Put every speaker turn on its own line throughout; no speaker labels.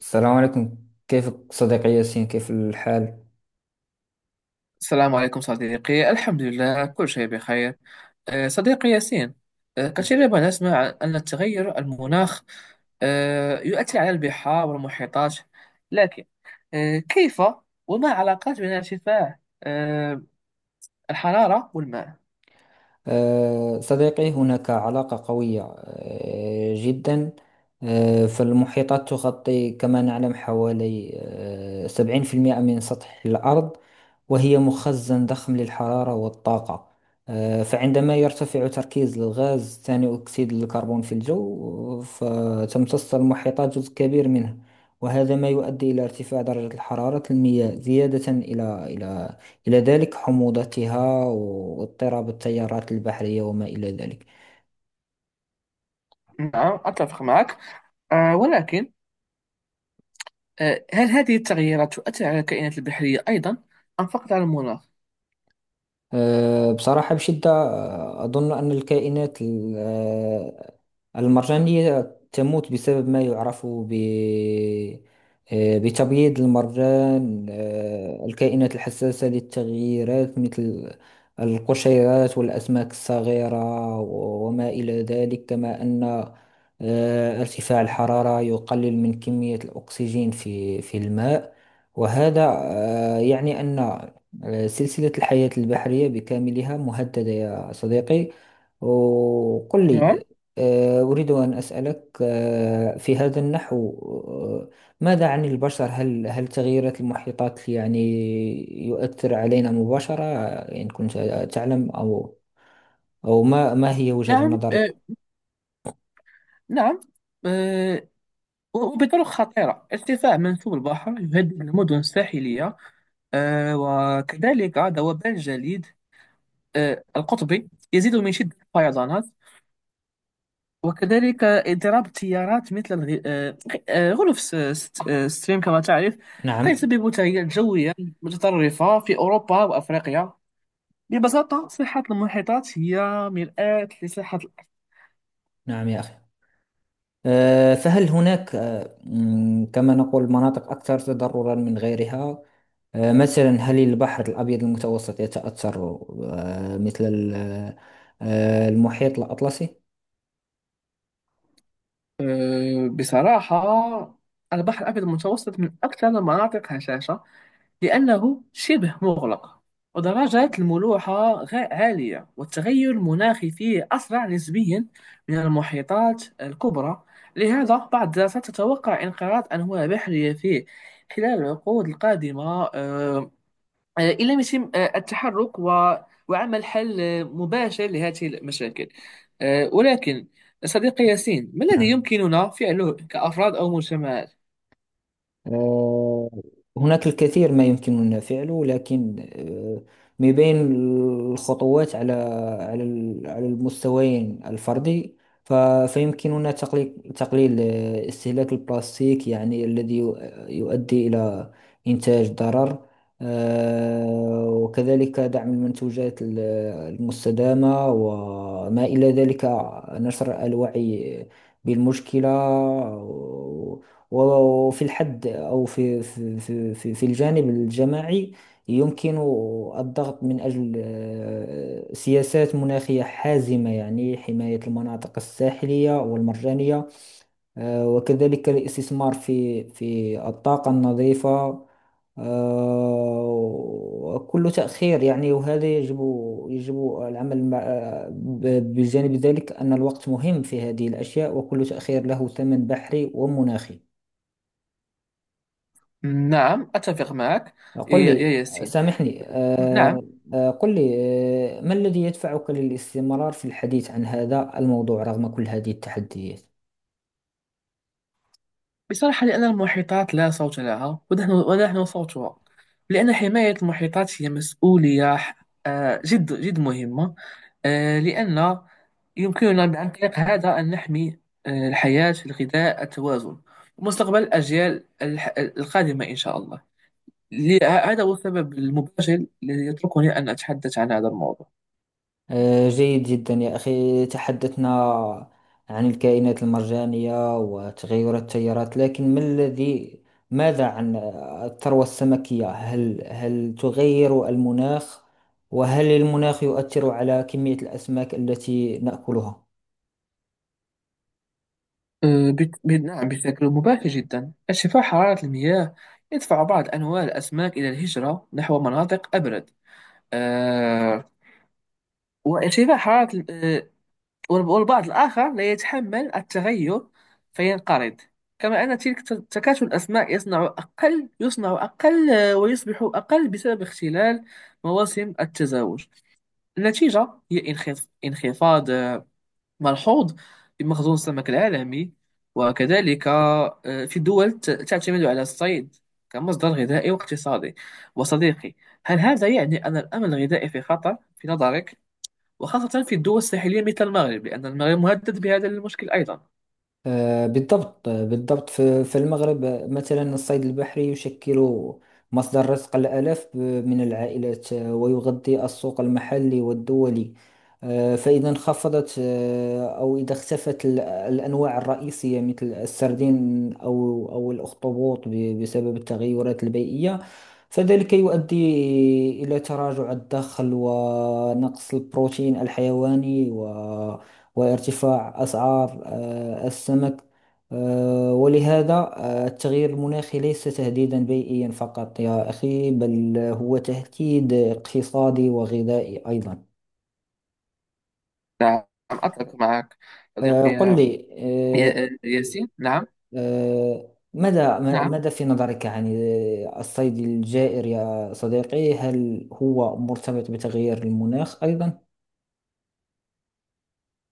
السلام عليكم. كيفك صديقي ياسين؟ كيف الحال؟
السلام عليكم صديقي. الحمد لله، كل شيء بخير. صديقي ياسين، كثيرا ما نسمع أن التغير المناخ يؤثر على البحار والمحيطات، لكن كيف؟ وما علاقات بين ارتفاع الحرارة والماء؟
صديقي، هناك علاقة قوية جدا. فالمحيطات تغطي كما نعلم حوالي 70% من سطح الأرض، وهي مخزن ضخم للحرارة والطاقة. فعندما يرتفع تركيز الغاز ثاني أكسيد الكربون في الجو، فتمتص المحيطات جزء كبير منه، وهذا ما يؤدي إلى ارتفاع درجة الحرارة المياه زيادة إلى ذلك حموضتها، واضطراب التيارات البحرية، وما إلى ذلك.
نعم، أتفق معك. ولكن هل هذه التغييرات تؤثر على الكائنات البحرية أيضا، أم فقط على المناخ؟
بصراحة بشدة، أظن أن الكائنات المرجانية تموت بسبب ما يعرف ب آه، بتبييض المرجان. الكائنات الحساسة للتغييرات مثل القشيرات والأسماك الصغيرة وما إلى ذلك. كما أن ارتفاع الحرارة يقلل من كمية الأكسجين في الماء، وهذا يعني أن سلسلة الحياة البحرية بكاملها مهددة يا صديقي. وقل
نعم،
لي، أريد أن أسألك، في هذا النحو، آه، ماذا عن البشر؟ هل تغييرات المحيطات يعني يؤثر علينا مباشرة؟ إن كنت تعلم، أو ما هي وجهة
نعم،
نظرك؟
أه، نعم أه، وبطرق خطيرة. ارتفاع منسوب البحر يهدد المدن الساحلية، وكذلك ذوبان الجليد القطبي يزيد من شدة الفيضانات، وكذلك اضطراب التيارات مثل غلاف ستريم كما تعرف. قد
نعم،
يسبب تغييرات جوية متطرفة في أوروبا وأفريقيا. ببساطة، صحة المحيطات هي مرآة لصحة الأرض.
نعم يا أخي. فهل هناك، كما نقول، مناطق أكثر تضررا من غيرها؟ مثلا، هل البحر الأبيض المتوسط يتأثر مثل المحيط الأطلسي؟
بصراحة، البحر الأبيض المتوسط من أكثر المناطق هشاشة، لأنه شبه مغلق، ودرجات الملوحة عالية، والتغير المناخي فيه أسرع نسبيا من المحيطات الكبرى. لهذا بعض الدراسات تتوقع انقراض أنواع بحرية فيه خلال العقود القادمة، آه، إن لم يتم التحرك وعمل حل مباشر لهذه المشاكل. ولكن صديقي ياسين، ما الذي
نعم.
يمكننا فعله كأفراد أو مجتمعات؟
آه، هناك الكثير ما يمكننا فعله، لكن من بين الخطوات على المستويين الفردي. ف- فيمكننا تقليل استهلاك البلاستيك، يعني الذي يؤدي إلى إنتاج ضرر. وكذلك دعم المنتوجات المستدامة وما إلى ذلك، نشر الوعي بالمشكلة. وفي الحد، أو في الجانب الجماعي، يمكن الضغط من أجل سياسات مناخية حازمة، يعني حماية المناطق الساحلية والمرجانية. وكذلك الاستثمار في الطاقة النظيفة. آه، وكل تأخير يعني، وهذا يجب، يجب العمل مع، بجانب ذلك، أن الوقت مهم في هذه الأشياء، وكل تأخير له ثمن بحري ومناخي.
نعم، أتفق معك.
قل
يا
لي،
ياسين،
سامحني.
نعم.
قل لي، ما الذي يدفعك للاستمرار في الحديث عن هذا الموضوع رغم كل هذه التحديات؟
بصراحة، لأن المحيطات لا صوت لها، ونحن صوتها. لأن حماية المحيطات هي مسؤولية جد جد مهمة. لأن يمكننا عن طريق هذا أن نحمي الحياة، الغذاء، التوازن، ومستقبل الأجيال القادمة إن شاء الله. هذا هو السبب المباشر الذي يتركني أن أتحدث عن هذا الموضوع.
جيد جدا يا أخي. تحدثنا عن الكائنات المرجانية وتغير التيارات، لكن ما الذي ماذا عن الثروة السمكية؟ هل تغير المناخ، وهل المناخ يؤثر على كمية الأسماك التي نأكلها؟
نعم، بشكل مباشر جدا. ارتفاع حرارة المياه يدفع بعض أنواع الأسماك إلى الهجرة نحو مناطق أبرد. آه، وارتفاع حرارة والبعض الآخر لا يتحمل التغير فينقرض. كما أن تلك تكاتل الأسماك يصنع أقل، ويصبح أقل بسبب اختلال مواسم التزاوج. النتيجة هي انخفاض ملحوظ في مخزون السمك العالمي، وكذلك في دول تعتمد على الصيد كمصدر غذائي واقتصادي. وصديقي، هل هذا يعني أن الأمن الغذائي في خطر في نظرك؟ وخاصة في الدول الساحلية مثل المغرب، لأن المغرب مهدد بهذا المشكل أيضا.
بالضبط، بالضبط في المغرب. مثلا، الصيد البحري يشكل مصدر رزق الآلاف من العائلات، ويغذي السوق المحلي والدولي. فإذا انخفضت، أو إذا اختفت الأنواع الرئيسية مثل السردين أو الأخطبوط بسبب التغيرات البيئية، فذلك يؤدي إلى تراجع الدخل، ونقص البروتين الحيواني، وارتفاع أسعار السمك. ولهذا التغيير المناخي ليس تهديدا بيئيا فقط يا أخي، بل هو تهديد اقتصادي وغذائي أيضا.
نعم، أتفق معك. صديقي
قل
يا
لي،
يا- ياسين، نعم.
آه، ماذا،
نعم،
ماذا في نظرك عن الصيد الجائر يا صديقي؟ هل هو مرتبط بتغيير المناخ أيضا؟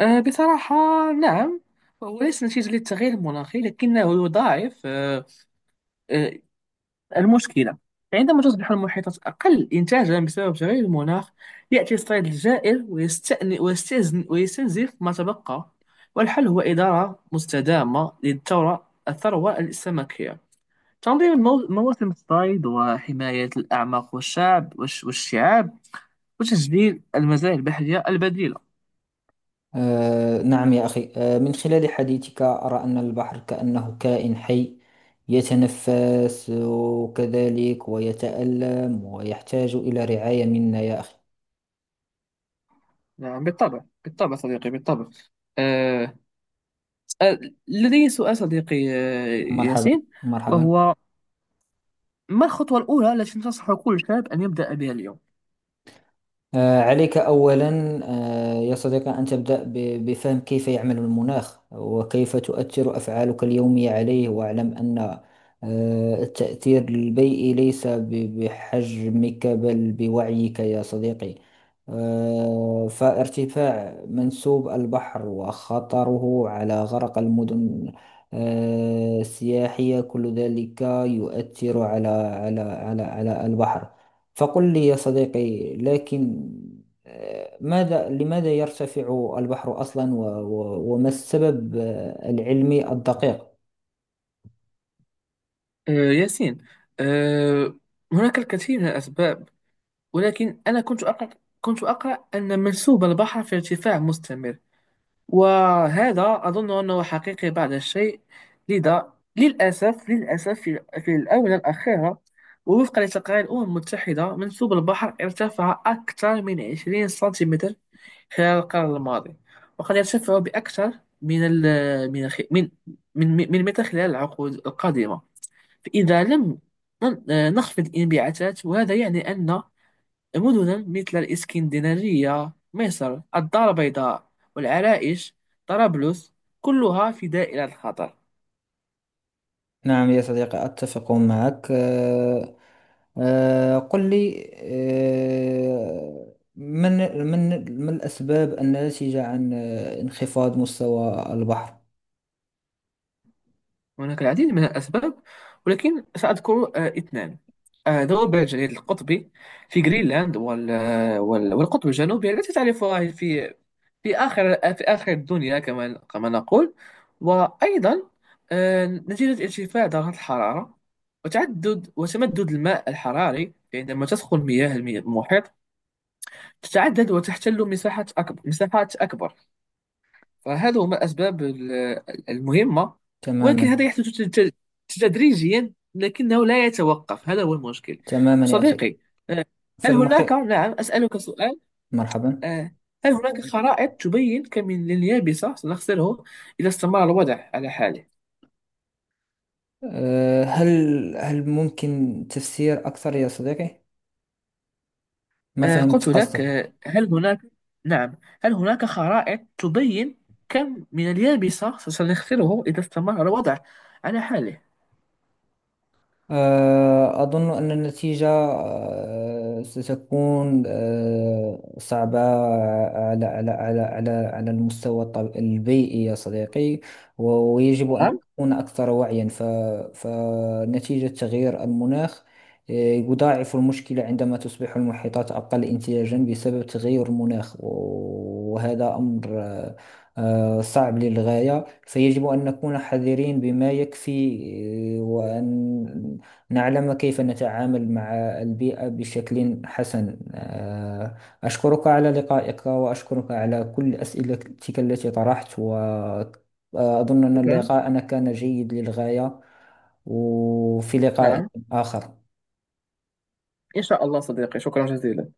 بصراحة، نعم. هو ليس نتيجة للتغيير المناخي، لكنه يضاعف آه، المشكلة. عندما تصبح المحيطات أقل إنتاجا بسبب تغير المناخ، يأتي الصيد الجائر ويستنزف ما تبقى. والحل هو إدارة مستدامة الثروة السمكية، تنظيم مواسم الصيد، وحماية الأعماق والشعاب، وتسجيل المزايا البحرية البديلة.
نعم يا أخي. من خلال حديثك، أرى أن البحر كأنه كائن حي يتنفس، وكذلك ويتألم، ويحتاج إلى رعاية منا يا أخي.
نعم، بالطبع، بالطبع صديقي، بالطبع. آه آه، لدي سؤال صديقي،
مرحبا.
ياسين.
مرحبا.
وهو، ما الخطوة الأولى التي تنصح كل شاب أن يبدأ بها اليوم؟
عليك أولا، يا صديقي، أن تبدأ بفهم كيف يعمل المناخ، وكيف تؤثر أفعالك اليومية عليه. واعلم أن التأثير البيئي ليس بحجمك، بل بوعيك يا صديقي. فارتفاع منسوب البحر وخطره على غرق المدن السياحية، كل ذلك يؤثر على البحر. فقل لي يا صديقي، لكن آه، ماذا لماذا يرتفع البحر أصلا؟ وما السبب العلمي الدقيق؟
ياسين، آه هناك الكثير من الأسباب، ولكن أنا كنت أقرأ أن منسوب البحر في ارتفاع مستمر، وهذا أظن أنه حقيقي بعض الشيء. لذا للأسف، للأسف في الآونة الأخيرة، ووفقا لتقارير الأمم المتحدة، منسوب البحر ارتفع أكثر من 20 سنتيمتر خلال القرن الماضي، وقد يرتفع بأكثر من ال من الخ- من من من متر خلال العقود القادمة، فإذا لم نن- نخفض الانبعاثات. وهذا يعني أن مدنا مثل الإسكندنارية، مصر، الدار البيضاء، والعرائش، طرابلس، كلها في دائرة الخطر.
نعم يا صديقي، أتفق معك. قل لي، آه، من من ما الأسباب الناتجة عن انخفاض مستوى البحر؟
هناك العديد من الأسباب، ولكن سأذكر اثنان. ذوب الجليد القطبي في جرينلاند والقطب الجنوبي التي تعرفها في في آخر الدنيا كما نقول. وأيضا نتيجة ارتفاع درجات الحرارة، وتمدد الماء الحراري. عندما تسخن مياه المحيط تتعدد وتحتل مساحات أكبر، مساحات أكبر. فهذا هما الأسباب المهمة. ولكن
تماما.
هذا يحدث تدريجيا، لكنه لا يتوقف. هذا هو المشكل.
تماما يا أخي.
صديقي، آه، هل هناك
فالمحيط.
نعم، أسألك سؤال.
مرحبا.
آه، هل هناك خرائط تبين كم من اليابسة سنخسره إذا استمر الوضع على حاله؟
هل ممكن تفسير أكثر يا صديقي؟ ما فهمت
قلت لك،
قصدك.
هل هناك، نعم، هل هناك خرائط تبين كم من اليابسة سنخسره إذا استمر الوضع على حاله؟
أظن أن النتيجة ستكون صعبة على المستوى البيئي يا صديقي. ويجب أن
نعم،
نكون أكثر وعيا. فنتيجة تغيير المناخ، يضاعف المشكلة عندما تصبح المحيطات أقل انتاجا بسبب تغير المناخ. وهذا أمر صعب للغاية. فيجب أن نكون حذرين بما يكفي، وأن نعلم كيف نتعامل مع البيئة بشكل حسن. أشكرك على لقائك، وأشكرك على كل أسئلتك التي طرحت، وأظن أن
شكرا.
لقاءنا كان جيد للغاية. وفي لقاء
نعم،
آخر.
إن شاء الله صديقي، شكرا جزيلا.